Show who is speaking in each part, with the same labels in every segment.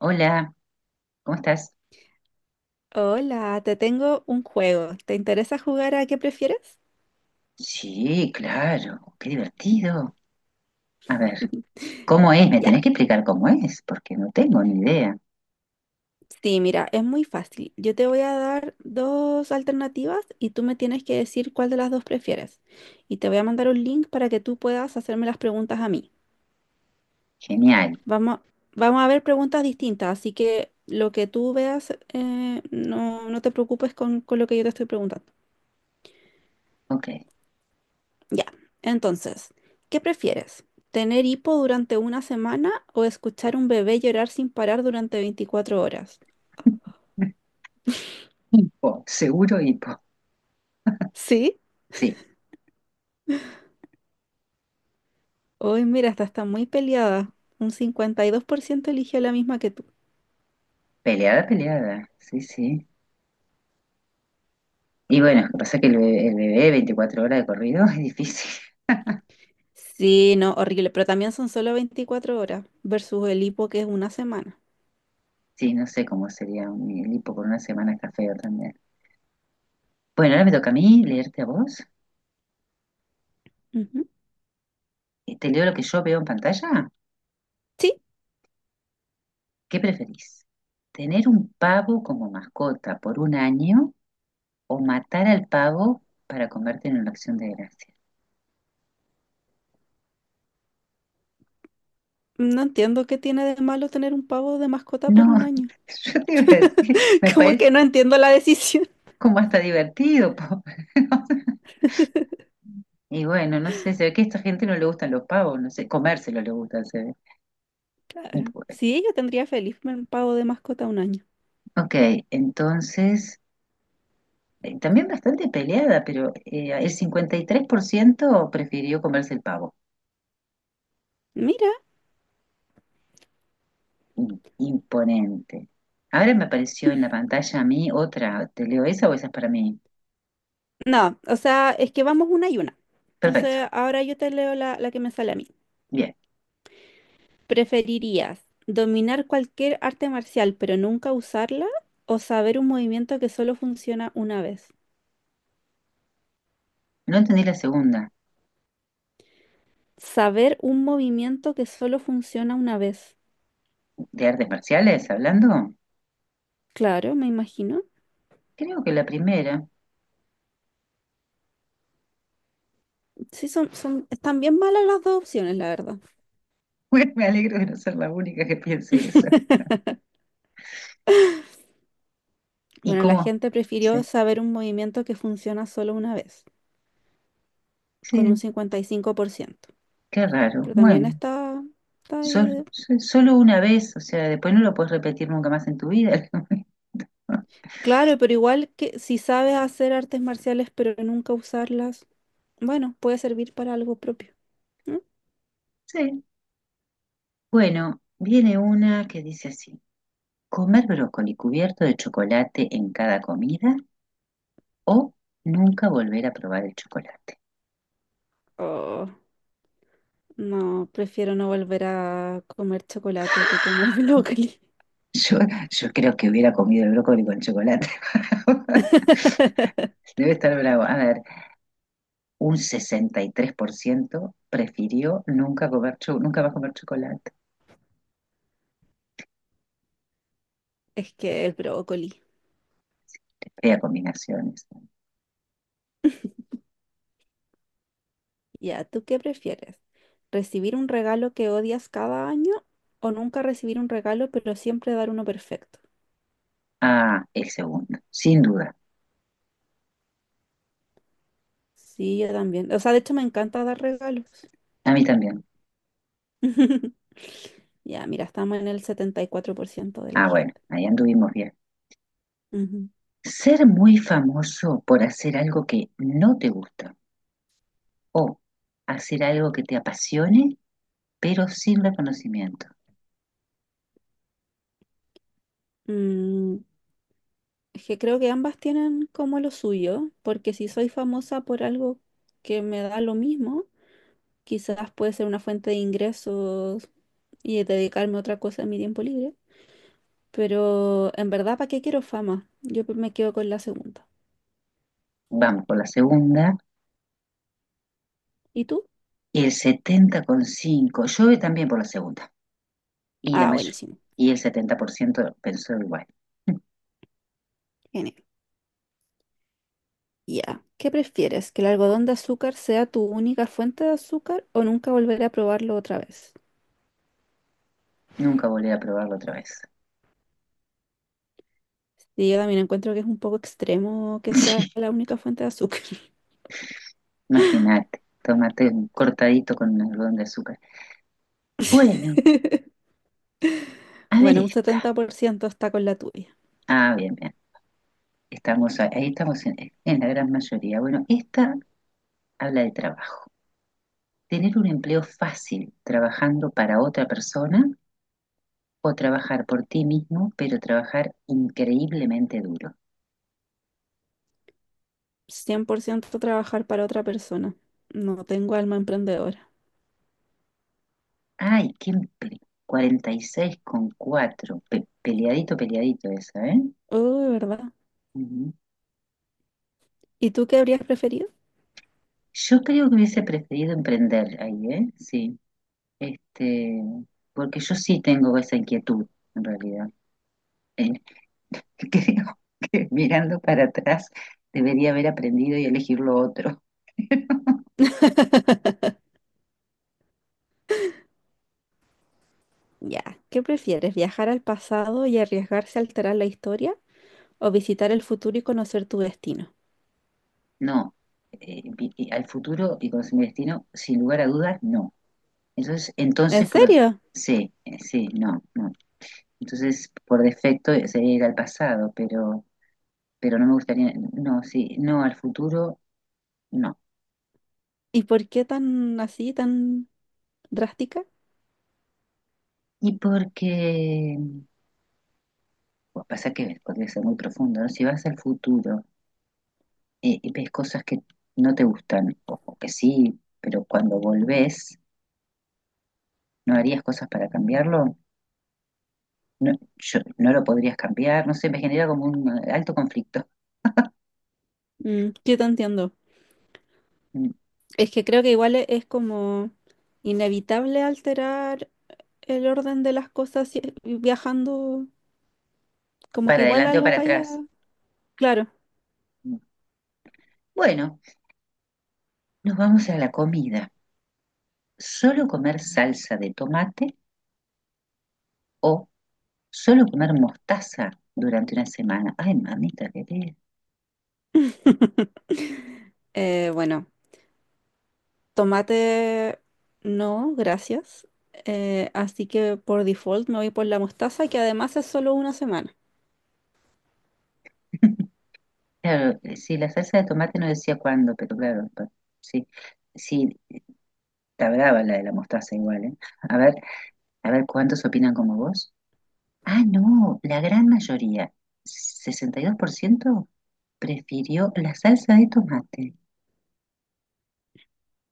Speaker 1: Hola, ¿cómo estás?
Speaker 2: Hola, te tengo un juego. ¿Te interesa jugar a qué prefieres?
Speaker 1: Sí, claro, qué divertido. A ver, ¿cómo es? Me
Speaker 2: Ya.
Speaker 1: tenés que explicar cómo es, porque no tengo ni idea.
Speaker 2: Sí, mira, es muy fácil. Yo te voy a dar dos alternativas y tú me tienes que decir cuál de las dos prefieres. Y te voy a mandar un link para que tú puedas hacerme las preguntas a mí.
Speaker 1: Genial,
Speaker 2: Vamos, vamos a ver preguntas distintas, así que lo que tú veas, no, no te preocupes con lo que yo te estoy preguntando.
Speaker 1: ok.
Speaker 2: Ya, entonces, ¿qué prefieres? ¿Tener hipo durante una semana o escuchar un bebé llorar sin parar durante 24 horas?
Speaker 1: Hipo, seguro hipo.
Speaker 2: Sí.
Speaker 1: Sí,
Speaker 2: Hoy, mira, esta está muy peleada. Un 52% eligió la misma que tú.
Speaker 1: peleada, peleada. Sí, sí. Y bueno, lo que pasa es que el bebé 24 horas de corrido es difícil.
Speaker 2: Sí, no, horrible, pero también son solo 24 horas versus el hipo que es una semana.
Speaker 1: Sí, no sé cómo sería un, el hipo con una semana está feo también. Bueno, ahora me toca a mí leerte a vos.
Speaker 2: Ujú.
Speaker 1: ¿Te leo lo que yo veo en pantalla?
Speaker 2: Sí,
Speaker 1: ¿Qué preferís? ¿Tener un pavo como mascota por un año, o matar al pavo para comerte en una acción de gracia?
Speaker 2: no entiendo qué tiene de malo tener un pavo de mascota por
Speaker 1: No,
Speaker 2: un año.
Speaker 1: yo te iba a decir, me
Speaker 2: Como
Speaker 1: parece
Speaker 2: que no entiendo la decisión.
Speaker 1: como hasta divertido, po. Y bueno, no sé, se ve que a esta gente no le gustan los pavos, no sé, comérselo le gustan, se ve.
Speaker 2: Claro. Sí, yo tendría feliz un pavo de mascota un año.
Speaker 1: Ok, entonces, también bastante peleada, pero el 53% prefirió comerse el pavo.
Speaker 2: Mira.
Speaker 1: I- Imponente. Ahora me apareció en la pantalla a mí otra, ¿te leo esa o esa es para mí?
Speaker 2: No, o sea, es que vamos una y una.
Speaker 1: Perfecto,
Speaker 2: Entonces, ahora yo te leo la que me sale a mí.
Speaker 1: bien.
Speaker 2: ¿Preferirías dominar cualquier arte marcial pero nunca usarla o saber un movimiento que solo funciona una vez?
Speaker 1: No entendí la segunda.
Speaker 2: Saber un movimiento que solo funciona una vez.
Speaker 1: ¿De artes marciales hablando?
Speaker 2: Claro, me imagino.
Speaker 1: Creo que la primera.
Speaker 2: Sí, están bien malas las dos opciones, la verdad.
Speaker 1: Bueno, me alegro de no ser la única que piense eso. ¿Y
Speaker 2: Bueno, la
Speaker 1: cómo?
Speaker 2: gente prefirió
Speaker 1: Sí,
Speaker 2: saber un movimiento que funciona solo una vez, con un
Speaker 1: sí,
Speaker 2: 55%.
Speaker 1: qué raro.
Speaker 2: Pero también
Speaker 1: Bueno,
Speaker 2: está ahí.
Speaker 1: solo una vez, o sea, después no lo puedes repetir nunca más en tu vida.
Speaker 2: Claro, pero igual que si sabes hacer artes marciales pero nunca usarlas, bueno, puede servir para algo propio, ¿no?
Speaker 1: Sí. Bueno, viene una que dice así: comer brócoli cubierto de chocolate en cada comida o nunca volver a probar el chocolate.
Speaker 2: Oh, no, prefiero no volver a comer chocolate que comer brócoli.
Speaker 1: Yo, yo creo que hubiera comido el brócoli con chocolate. Debe estar bravo. A ver, un 63% prefirió nunca, comer nunca más comer chocolate.
Speaker 2: Es que el brócoli.
Speaker 1: Fea combinaciones.
Speaker 2: Ya, ¿tú qué prefieres? ¿Recibir un regalo que odias cada año o nunca recibir un regalo pero siempre dar uno perfecto?
Speaker 1: Ah, el segundo, sin duda.
Speaker 2: Sí, yo también. O sea, de hecho me encanta dar regalos.
Speaker 1: A mí también.
Speaker 2: Ya, mira, estamos en el 74% de la
Speaker 1: Ah, bueno,
Speaker 2: gente.
Speaker 1: ahí anduvimos bien.
Speaker 2: Ujú.
Speaker 1: Ser muy famoso por hacer algo que no te gusta, o hacer algo que te apasione, pero sin reconocimiento.
Speaker 2: Mm, es que creo que ambas tienen como lo suyo, porque si soy famosa por algo que me da lo mismo, quizás puede ser una fuente de ingresos y dedicarme a otra cosa en mi tiempo libre. Pero en verdad, ¿para qué quiero fama? Yo me quedo con la segunda.
Speaker 1: Vamos por la segunda.
Speaker 2: ¿Y tú?
Speaker 1: El 70,5. Yo voy también por la segunda. Y la
Speaker 2: Ah,
Speaker 1: mayor.
Speaker 2: buenísimo.
Speaker 1: Y el 70% pensó igual.
Speaker 2: Genial. Ya. ¿Qué prefieres? ¿Que el algodón de azúcar sea tu única fuente de azúcar o nunca volver a probarlo otra vez?
Speaker 1: Nunca volveré a probarlo otra vez.
Speaker 2: Y yo también encuentro que es un poco extremo que
Speaker 1: Sí,
Speaker 2: sea la única fuente de azúcar.
Speaker 1: imagínate, tomate un cortadito con un algodón de azúcar. Bueno, a ver
Speaker 2: Bueno, un
Speaker 1: esta.
Speaker 2: 70% está con la tuya.
Speaker 1: Ah, bien, bien. Estamos ahí, ahí en la gran mayoría. Bueno, esta habla de trabajo. Tener un empleo fácil trabajando para otra persona, o trabajar por ti mismo, pero trabajar increíblemente duro.
Speaker 2: 100% trabajar para otra persona. No tengo alma emprendedora.
Speaker 1: Ay, qué empleo. 46,4. Pe- peleadito, peleadito esa, ¿eh?
Speaker 2: Oh, ¿verdad?
Speaker 1: Ujú.
Speaker 2: ¿Y tú qué habrías preferido?
Speaker 1: Yo creo que hubiese preferido emprender ahí, ¿eh? Sí. Este, porque yo sí tengo esa inquietud, en realidad. Eh, creo que mirando para atrás debería haber aprendido y elegir lo otro.
Speaker 2: Ya, ¿qué prefieres? ¿Viajar al pasado y arriesgarse a alterar la historia o visitar el futuro y conocer tu destino?
Speaker 1: No, y al futuro y con mi destino, sin lugar a dudas, no. Entonces,
Speaker 2: ¿En
Speaker 1: entonces por,
Speaker 2: serio?
Speaker 1: sí, sí, no, no. Entonces, por defecto sería ir al pasado, pero no me gustaría, no, sí, no, al futuro, no.
Speaker 2: ¿Y por qué tan así, tan drástica?
Speaker 1: Y porque, pues pasa que podría ser muy profundo, ¿no? Si vas al futuro ves cosas que no te gustan o que sí, pero cuando volvés, ¿no harías cosas para cambiarlo? No, yo, no lo podrías cambiar, no sé, me genera como un alto conflicto,
Speaker 2: Mm, yo te entiendo.
Speaker 1: mm,
Speaker 2: Es que creo que igual es como inevitable alterar el orden de las cosas viajando, como
Speaker 1: para
Speaker 2: que igual
Speaker 1: adelante o
Speaker 2: algo
Speaker 1: para
Speaker 2: vaya,
Speaker 1: atrás.
Speaker 2: claro.
Speaker 1: Mm. Bueno, nos vamos a la comida. ¿Solo comer salsa de tomate, o solo comer mostaza durante una semana? Ay, mamita, qué te-
Speaker 2: Bueno, tomate no, gracias. Así que por default me voy por la mostaza, que además es solo una semana.
Speaker 1: Claro, sí, la salsa de tomate no decía cuándo, pero claro, pa- sí. Sí, está brava la de la mostaza igual, ¿eh? A ver, a ver cuántos opinan como vos. Ah, no, la gran mayoría, 62% prefirió la salsa de tomate.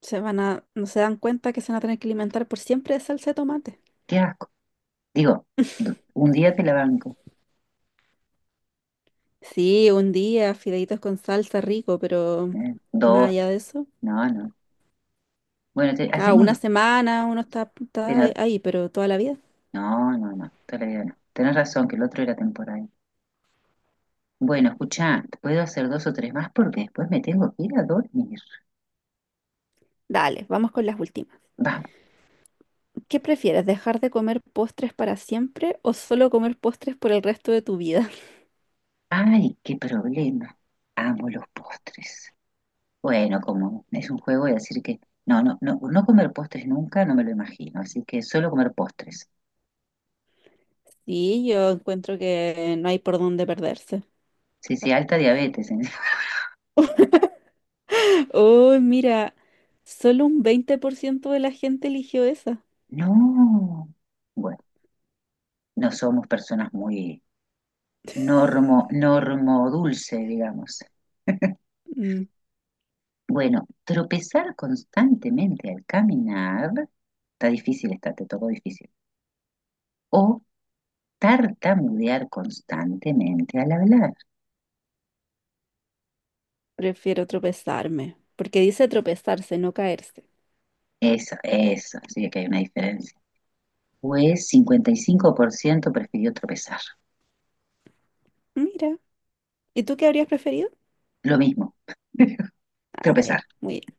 Speaker 2: Se van a, no se dan cuenta que se van a tener que alimentar por siempre de salsa de tomate.
Speaker 1: Qué asco. Digo, d- un día te la banco,
Speaker 2: Sí, un día, fideitos con salsa rico, pero
Speaker 1: ¿eh?
Speaker 2: más
Speaker 1: Dos,
Speaker 2: allá de eso.
Speaker 1: no, no. Bueno, te-
Speaker 2: Claro,
Speaker 1: hacemos...
Speaker 2: una semana uno está,
Speaker 1: te
Speaker 2: está
Speaker 1: no,
Speaker 2: ahí, pero toda la vida.
Speaker 1: no, no, no, todavía no. Tenés razón, que el otro era temporal. Bueno, escuchá, puedo hacer dos o tres más porque después me tengo que ir a dormir.
Speaker 2: Dale, vamos con las últimas.
Speaker 1: Vamos.
Speaker 2: ¿Qué prefieres, dejar de comer postres para siempre o solo comer postres por el resto de tu vida?
Speaker 1: Ay, qué problema. Amo los postres. Bueno, como es un juego, voy a decir que no, no, no, no comer postres nunca, no me lo imagino, así que solo comer postres.
Speaker 2: Sí, yo encuentro que no hay por dónde perderse.
Speaker 1: Sí, sí, alta diabetes. En-
Speaker 2: Oh, mira, solo un 20% de la gente eligió esa.
Speaker 1: No, bueno, no somos personas muy normo, normo dulce, digamos.
Speaker 2: Mm,
Speaker 1: Bueno, tropezar constantemente al caminar, está difícil, está, te tocó difícil. O tartamudear constantemente al hablar.
Speaker 2: prefiero tropezarme, porque dice tropezarse, no caerse.
Speaker 1: Eso, sí que hay una diferencia. Pues 55% prefirió tropezar.
Speaker 2: Mira, ¿y tú qué habrías preferido?
Speaker 1: Lo mismo,
Speaker 2: Ah,
Speaker 1: tropezar.
Speaker 2: ya, muy bien.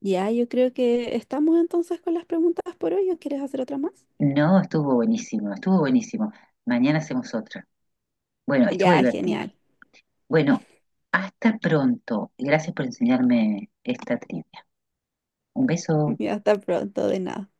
Speaker 2: Ya, yo creo que estamos entonces con las preguntas por hoy. ¿O quieres hacer otra más?
Speaker 1: No, estuvo buenísimo, estuvo buenísimo. Mañana hacemos otra. Bueno, estuvo
Speaker 2: Ya,
Speaker 1: divertido.
Speaker 2: genial.
Speaker 1: Bueno, hasta pronto. Gracias por enseñarme esta trivia. Un beso.
Speaker 2: Ya, hasta pronto, de nada.